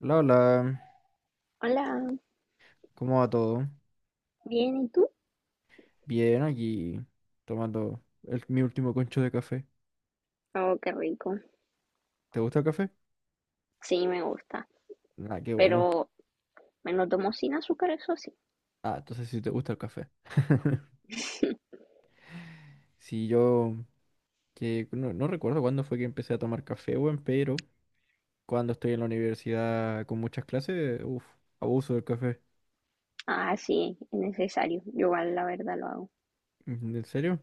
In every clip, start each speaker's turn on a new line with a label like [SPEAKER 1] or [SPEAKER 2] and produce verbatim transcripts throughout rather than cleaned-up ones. [SPEAKER 1] Hola, hola,
[SPEAKER 2] Hola,
[SPEAKER 1] ¿cómo va todo?
[SPEAKER 2] bien, ¿y tú?
[SPEAKER 1] Bien, aquí tomando el- mi último concho de café.
[SPEAKER 2] Oh, qué rico.
[SPEAKER 1] ¿Te gusta el café?
[SPEAKER 2] Sí, me gusta,
[SPEAKER 1] Ah, qué bueno.
[SPEAKER 2] pero me lo tomo sin azúcar, eso sí.
[SPEAKER 1] Ah, entonces sí te gusta el café. Sí, yo que no, no recuerdo cuándo fue que empecé a tomar café, weón, pero cuando estoy en la universidad con muchas clases, uff, abuso del café.
[SPEAKER 2] Ah, sí, es necesario. Yo igual la verdad lo hago.
[SPEAKER 1] Mm, ¿en serio?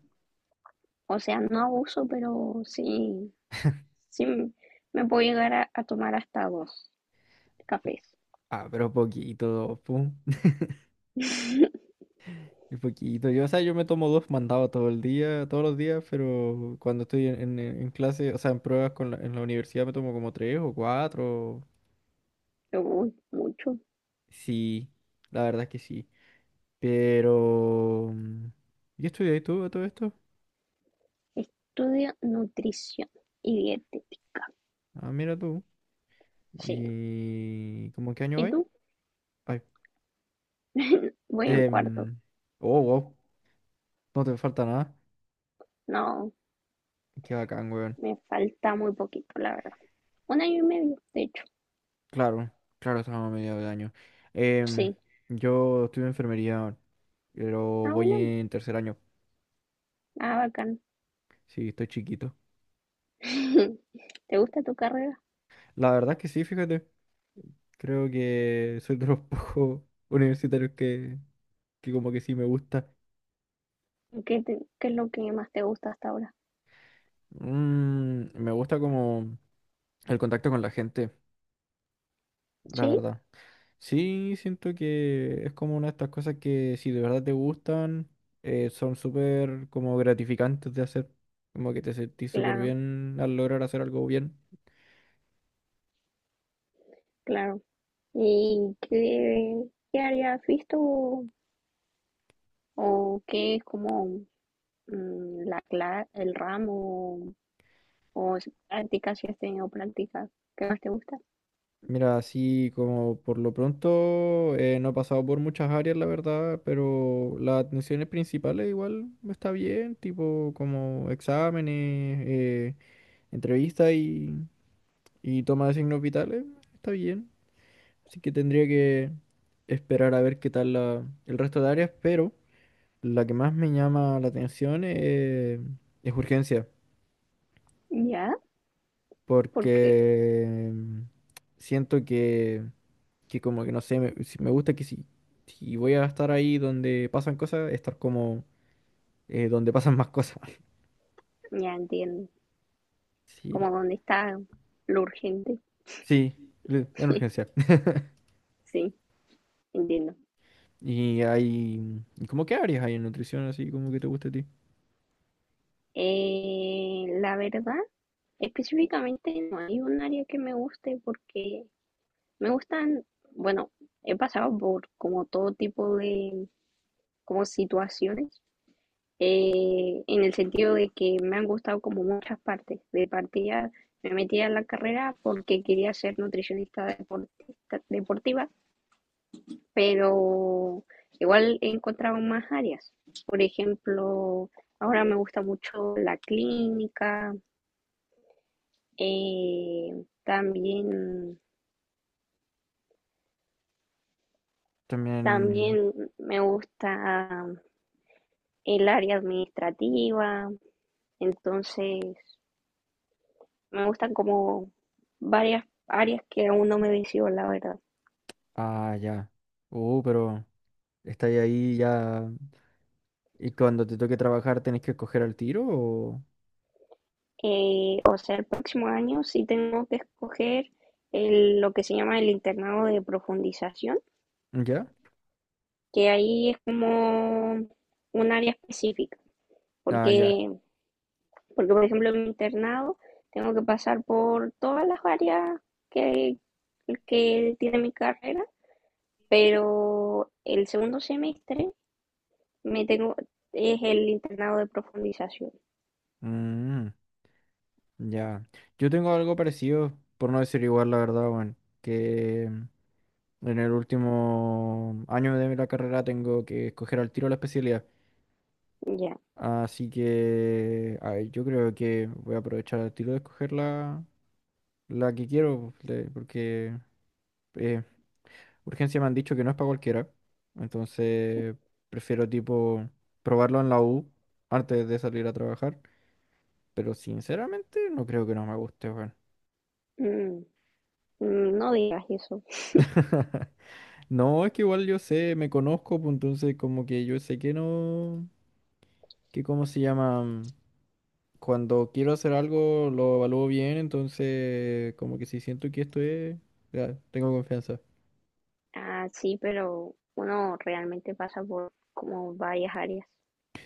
[SPEAKER 2] O sea, no abuso, pero sí, sí, m- me puedo llegar a, a tomar hasta dos
[SPEAKER 1] Uh,
[SPEAKER 2] cafés.
[SPEAKER 1] Ah, pero poquito, pum. Un poquito. Yo, o sea, yo me tomo dos mandados todo el día, todos los días, pero cuando estoy en, en- en clase, o sea, en pruebas con la- en la universidad me tomo como tres o cuatro.
[SPEAKER 2] Uy, mucho.
[SPEAKER 1] Sí, la verdad es que sí. Pero... mm, ¿Y estudias tú a todo esto?
[SPEAKER 2] Estudio nutrición y dietética.
[SPEAKER 1] Ah, mira tú.
[SPEAKER 2] Sí.
[SPEAKER 1] ¿Y cómo en qué año
[SPEAKER 2] ¿Y
[SPEAKER 1] vais?
[SPEAKER 2] tú?
[SPEAKER 1] Ay.
[SPEAKER 2] Voy en cuarto.
[SPEAKER 1] em, Oh, wow. No te falta nada.
[SPEAKER 2] No,
[SPEAKER 1] Qué bacán, weón.
[SPEAKER 2] me falta muy poquito, la verdad. Un año y medio, de hecho.
[SPEAKER 1] Claro, claro, estamos a mediados de año. Em,
[SPEAKER 2] Sí.
[SPEAKER 1] yo estudio enfermería, pero
[SPEAKER 2] Ah,
[SPEAKER 1] voy
[SPEAKER 2] bueno.
[SPEAKER 1] en tercer año.
[SPEAKER 2] Ah, bacán.
[SPEAKER 1] Sí, estoy chiquito.
[SPEAKER 2] ¿Te gusta tu carrera?
[SPEAKER 1] La verdad es que sí, fíjate. Creo que soy de los pocos universitarios que, que como que sí me gusta.
[SPEAKER 2] ¿Qué, te- qué es lo que más te gusta hasta ahora?
[SPEAKER 1] Mm, me gusta como el contacto con la gente, la
[SPEAKER 2] Sí,
[SPEAKER 1] verdad. Sí, siento que es como una de estas cosas que si de verdad te gustan, eh, son súper como gratificantes de hacer. Como que te sentís súper
[SPEAKER 2] claro,
[SPEAKER 1] bien al lograr hacer algo bien.
[SPEAKER 2] claro. ¿Y qué, qué área has visto o, qué es como mm, la cla- el ramo o si prácticas si has tenido prácticas? ¿Qué más te gusta?
[SPEAKER 1] Mira, así como por lo pronto eh, no he pasado por muchas áreas, la verdad, pero las atenciones principales igual está bien, tipo como exámenes, eh, entrevistas y, y toma de signos vitales, está bien. Así que tendría que esperar a ver qué tal la- el resto de áreas, pero la que más me llama la atención eh, es urgencia,
[SPEAKER 2] Ya, porque
[SPEAKER 1] porque siento que que como que no sé, me, si- me gusta que si, si voy a estar ahí donde pasan cosas, estar como eh, donde pasan más cosas.
[SPEAKER 2] ya entiendo. Como
[SPEAKER 1] Sí,
[SPEAKER 2] dónde está lo urgente.
[SPEAKER 1] sí, le- en urgencia.
[SPEAKER 2] Sí, entiendo.
[SPEAKER 1] Y hay, ¿y ¿cómo qué áreas hay en nutrición así como que te gusta a ti?
[SPEAKER 2] Eh, la verdad. Específicamente no hay un área que me guste porque me gustan, bueno, he pasado por como todo tipo de como situaciones eh, en el sentido de que me han gustado como muchas partes. De partida me metí a la carrera porque quería ser nutricionista deportista- deportiva, pero igual he encontrado más áreas. Por ejemplo, ahora me gusta mucho la clínica, eh, también
[SPEAKER 1] También,
[SPEAKER 2] También me gusta el área administrativa, entonces me gustan como varias áreas que aún no me decido, la verdad.
[SPEAKER 1] ah, ya. Uh, pero estáis ahí ya y cuando te toque trabajar tenés que escoger al tiro o
[SPEAKER 2] Eh, o sea, el próximo año sí tengo que escoger el- lo que se llama el internado de profundización,
[SPEAKER 1] ya.
[SPEAKER 2] que ahí es como un área específica,
[SPEAKER 1] Ah, ya.
[SPEAKER 2] porque, porque por ejemplo en mi internado tengo que pasar por todas las áreas que, que tiene mi carrera. Pero el segundo semestre me tengo, es el internado de profundización.
[SPEAKER 1] Mm, ya. Yo tengo algo parecido, por no decir igual, la verdad, bueno, que en el último año de la carrera tengo que escoger al tiro la especialidad.
[SPEAKER 2] Ya.
[SPEAKER 1] Así que a ver, yo creo que voy a aprovechar al tiro de escoger la, la que quiero, de- porque eh, urgencia me han dicho que no es para cualquiera. Entonces prefiero tipo probarlo en la U antes de salir a trabajar. Pero sinceramente no creo que no me guste, weón.
[SPEAKER 2] Mm, mm, no digas eso.
[SPEAKER 1] No, es que igual yo sé, me conozco, pues entonces como que yo sé que no, que cómo se llama. Cuando quiero hacer algo lo evalúo bien, entonces como que si siento que esto es, ya, tengo confianza.
[SPEAKER 2] Ah, sí, pero uno realmente pasa por como varias áreas.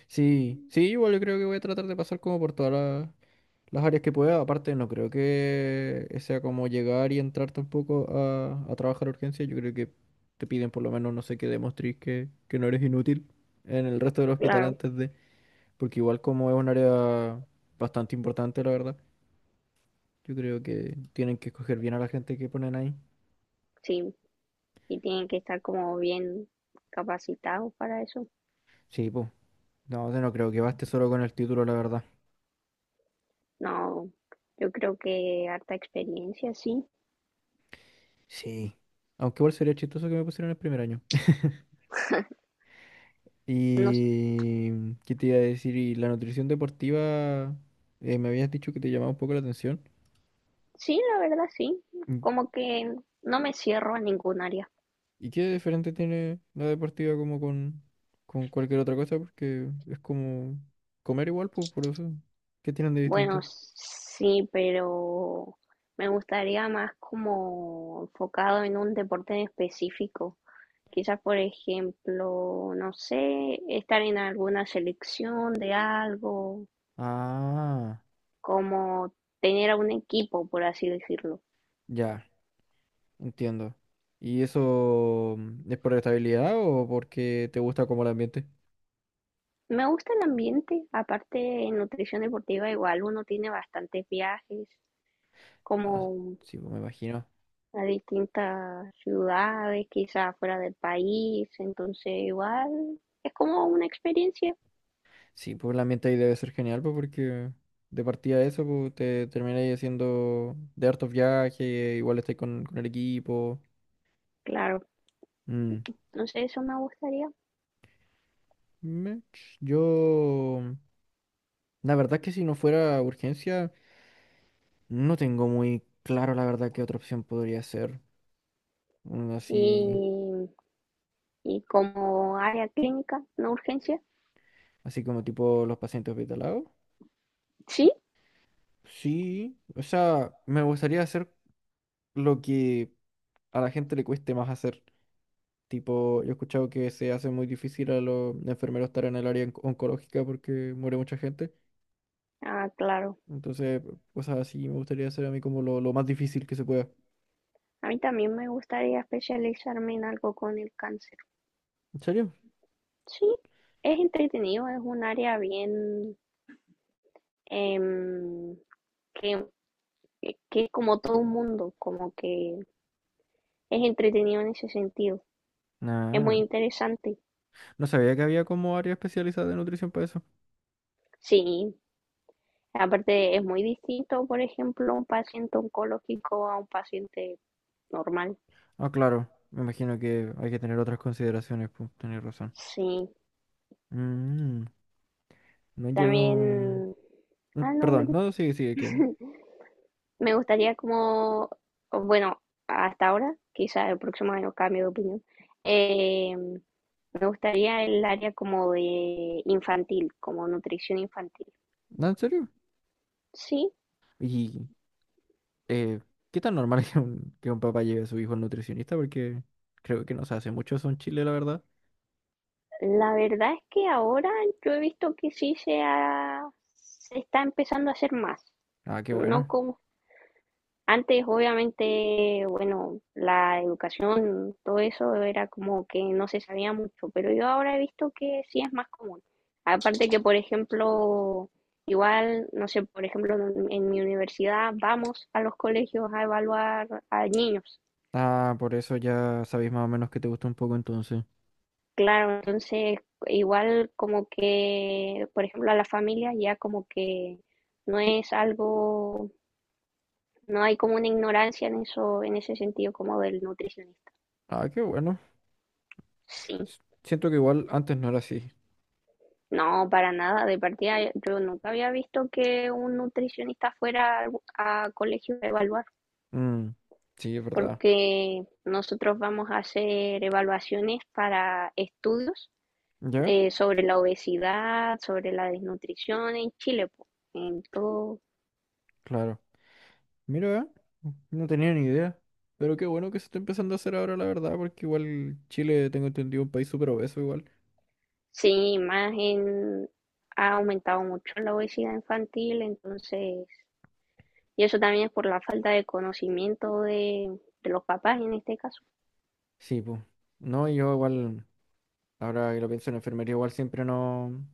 [SPEAKER 1] Sí, sí, igual yo creo que voy a tratar de pasar como por todas la- las áreas que pueda. Aparte, no creo que sea como llegar y entrar tampoco a, a trabajar urgencia. Yo creo que te piden por lo menos, no sé, que demostres que, que no eres inútil en el resto del hospital
[SPEAKER 2] Claro,
[SPEAKER 1] antes de, porque igual como es un área bastante importante, la verdad, yo creo que tienen que escoger bien a la gente que ponen ahí.
[SPEAKER 2] sí. Y tienen que estar como bien capacitados para eso.
[SPEAKER 1] Sí, pues. No, yo no creo que baste solo con el título, la verdad.
[SPEAKER 2] No, yo creo que harta experiencia, sí.
[SPEAKER 1] Sí. Aunque igual sería chistoso que me pusieran el primer año.
[SPEAKER 2] No,
[SPEAKER 1] Y... ¿Qué te iba a decir? Y la nutrición deportiva, eh, me habías dicho que te llamaba un poco la atención.
[SPEAKER 2] sí, la verdad, sí.
[SPEAKER 1] Mm,
[SPEAKER 2] Como que no me cierro a ningún área.
[SPEAKER 1] ¿Y qué diferente tiene la deportiva como con, con cualquier otra cosa? Porque es como comer igual, pues, por eso. ¿Qué tienen de
[SPEAKER 2] Bueno,
[SPEAKER 1] distinto?
[SPEAKER 2] sí, pero me gustaría más como enfocado en un deporte en específico. Quizás, por ejemplo, no sé, estar en alguna selección de algo,
[SPEAKER 1] Ah,
[SPEAKER 2] como tener a un equipo, por así decirlo.
[SPEAKER 1] ya, entiendo. ¿Y eso mm, es por estabilidad o porque te gusta como el ambiente?
[SPEAKER 2] Me gusta el ambiente, aparte en nutrición deportiva igual uno tiene bastantes viajes,
[SPEAKER 1] Ah,
[SPEAKER 2] como
[SPEAKER 1] sí, pues me imagino.
[SPEAKER 2] a distintas ciudades, quizás fuera del país, entonces igual es como una experiencia,
[SPEAKER 1] Sí, pues la ambiente ahí debe ser genial, pues porque de partida eso, pues te termináis haciendo de hartos viajes, igual estáis con, con el equipo.
[SPEAKER 2] claro,
[SPEAKER 1] Mm.
[SPEAKER 2] no sé, eso me gustaría.
[SPEAKER 1] Mech, yo, la verdad es que si no fuera urgencia, no tengo muy claro la verdad qué otra opción podría ser. Mm, Así,
[SPEAKER 2] Y, y como área clínica, no urgencia,
[SPEAKER 1] así como tipo los pacientes hospitalados.
[SPEAKER 2] sí,
[SPEAKER 1] Sí, o sea, me gustaría hacer lo que a la gente le cueste más hacer. Tipo, yo he escuchado que se hace muy difícil a los enfermeros estar en el área onc- oncológica porque muere mucha gente.
[SPEAKER 2] ah, claro,
[SPEAKER 1] Entonces, cosas así me gustaría hacer a mí como lo, lo más difícil que se pueda.
[SPEAKER 2] a mí también me gustaría especializarme en algo con el cáncer,
[SPEAKER 1] ¿En serio?
[SPEAKER 2] sí, es entretenido, es un área bien em, que, que es como todo un mundo, como que es entretenido en ese sentido, es muy
[SPEAKER 1] Ah,
[SPEAKER 2] interesante.
[SPEAKER 1] no sabía que había como área especializada de nutrición para eso.
[SPEAKER 2] Sí, aparte es muy distinto, por ejemplo, un paciente oncológico a un paciente normal.
[SPEAKER 1] Ah, claro, me imagino que hay que tener otras consideraciones, pues, tenés razón.
[SPEAKER 2] Sí,
[SPEAKER 1] Mm, no, yo...
[SPEAKER 2] también.
[SPEAKER 1] Mm,
[SPEAKER 2] Ah, no, de-
[SPEAKER 1] Perdón, no, sigue, sigue, que...
[SPEAKER 2] me gustaría como, bueno, hasta ahora, quizá el próximo año cambio de opinión, eh, me gustaría el área como de infantil, como nutrición infantil.
[SPEAKER 1] ¿No, en serio?
[SPEAKER 2] Sí,
[SPEAKER 1] eh, ¿qué tan normal es que un, que un papá lleve a su hijo al nutricionista? Porque creo que no se hace mucho eso en Chile, la verdad.
[SPEAKER 2] la verdad es que ahora yo he visto que sí se ha- se está empezando a hacer más.
[SPEAKER 1] Ah, qué
[SPEAKER 2] No
[SPEAKER 1] bueno.
[SPEAKER 2] como antes, obviamente, bueno, la educación, todo eso era como que no se sabía mucho, pero yo ahora he visto que sí es más común. Aparte que, por ejemplo, igual, no sé, por ejemplo, en en mi universidad vamos a los colegios a evaluar a niños.
[SPEAKER 1] Ah, por eso ya sabéis más o menos que te gusta un poco entonces.
[SPEAKER 2] Claro, entonces, igual como que, por ejemplo, a la familia ya como que no es algo, no hay como una ignorancia en eso, en ese sentido como del nutricionista.
[SPEAKER 1] Ah, qué bueno.
[SPEAKER 2] Sí.
[SPEAKER 1] S- Siento que igual antes no era así.
[SPEAKER 2] No, para nada. De partida, yo nunca había visto que un nutricionista fuera al- a colegio a evaluar,
[SPEAKER 1] Mm, sí, es verdad.
[SPEAKER 2] porque nosotros vamos a hacer evaluaciones para estudios
[SPEAKER 1] ¿Ya?
[SPEAKER 2] eh, sobre la obesidad, sobre la desnutrición en Chile po. Entonces,
[SPEAKER 1] Claro. Mira, eh, no tenía ni idea. Pero qué bueno que se está empezando a hacer ahora, la verdad, porque igual Chile, tengo entendido, un país súper obeso igual.
[SPEAKER 2] sí, más en, ha aumentado mucho la obesidad infantil, entonces, y eso también es por la falta de conocimiento de, de los papás en este caso.
[SPEAKER 1] Sí, pues. No, yo igual, ahora que lo pienso en enfermería, igual siempre no.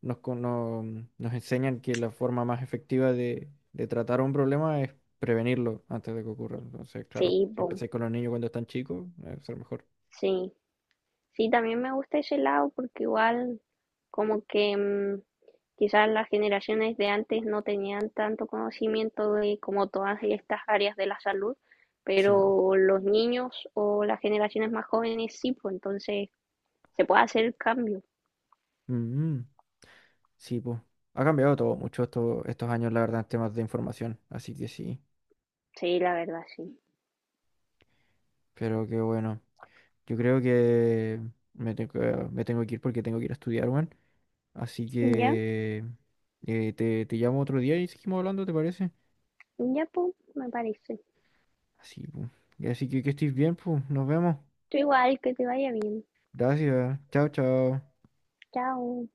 [SPEAKER 1] nos, con- no- nos enseñan que la forma más efectiva de, de tratar un problema es prevenirlo antes de que ocurra. Entonces,
[SPEAKER 2] Sí,
[SPEAKER 1] claro, si
[SPEAKER 2] po,
[SPEAKER 1] empezáis con los niños cuando están chicos, eh, va a ser mejor.
[SPEAKER 2] sí. Sí, también me gusta ese lado porque igual como que mm, quizás las generaciones de antes no tenían tanto conocimiento de como todas estas áreas de la salud,
[SPEAKER 1] Sí.
[SPEAKER 2] pero los niños o las generaciones más jóvenes sí, pues entonces se puede hacer el cambio.
[SPEAKER 1] Mm, sí, pues. Ha cambiado todo mucho esto- estos años, la verdad, en temas de información. Así que sí.
[SPEAKER 2] Sí, la verdad, sí.
[SPEAKER 1] Pero qué bueno. Yo creo que me tengo, que- me tengo que ir porque tengo que ir a estudiar, weón. Así
[SPEAKER 2] Ya,
[SPEAKER 1] que eh, te, te llamo otro día y seguimos hablando, ¿te parece?
[SPEAKER 2] ya, pues, me parece.
[SPEAKER 1] Así, pues. Así que que estés bien, pues. Nos vemos.
[SPEAKER 2] Tú igual, que te vaya bien.
[SPEAKER 1] Gracias. Chao, chao.
[SPEAKER 2] Chao.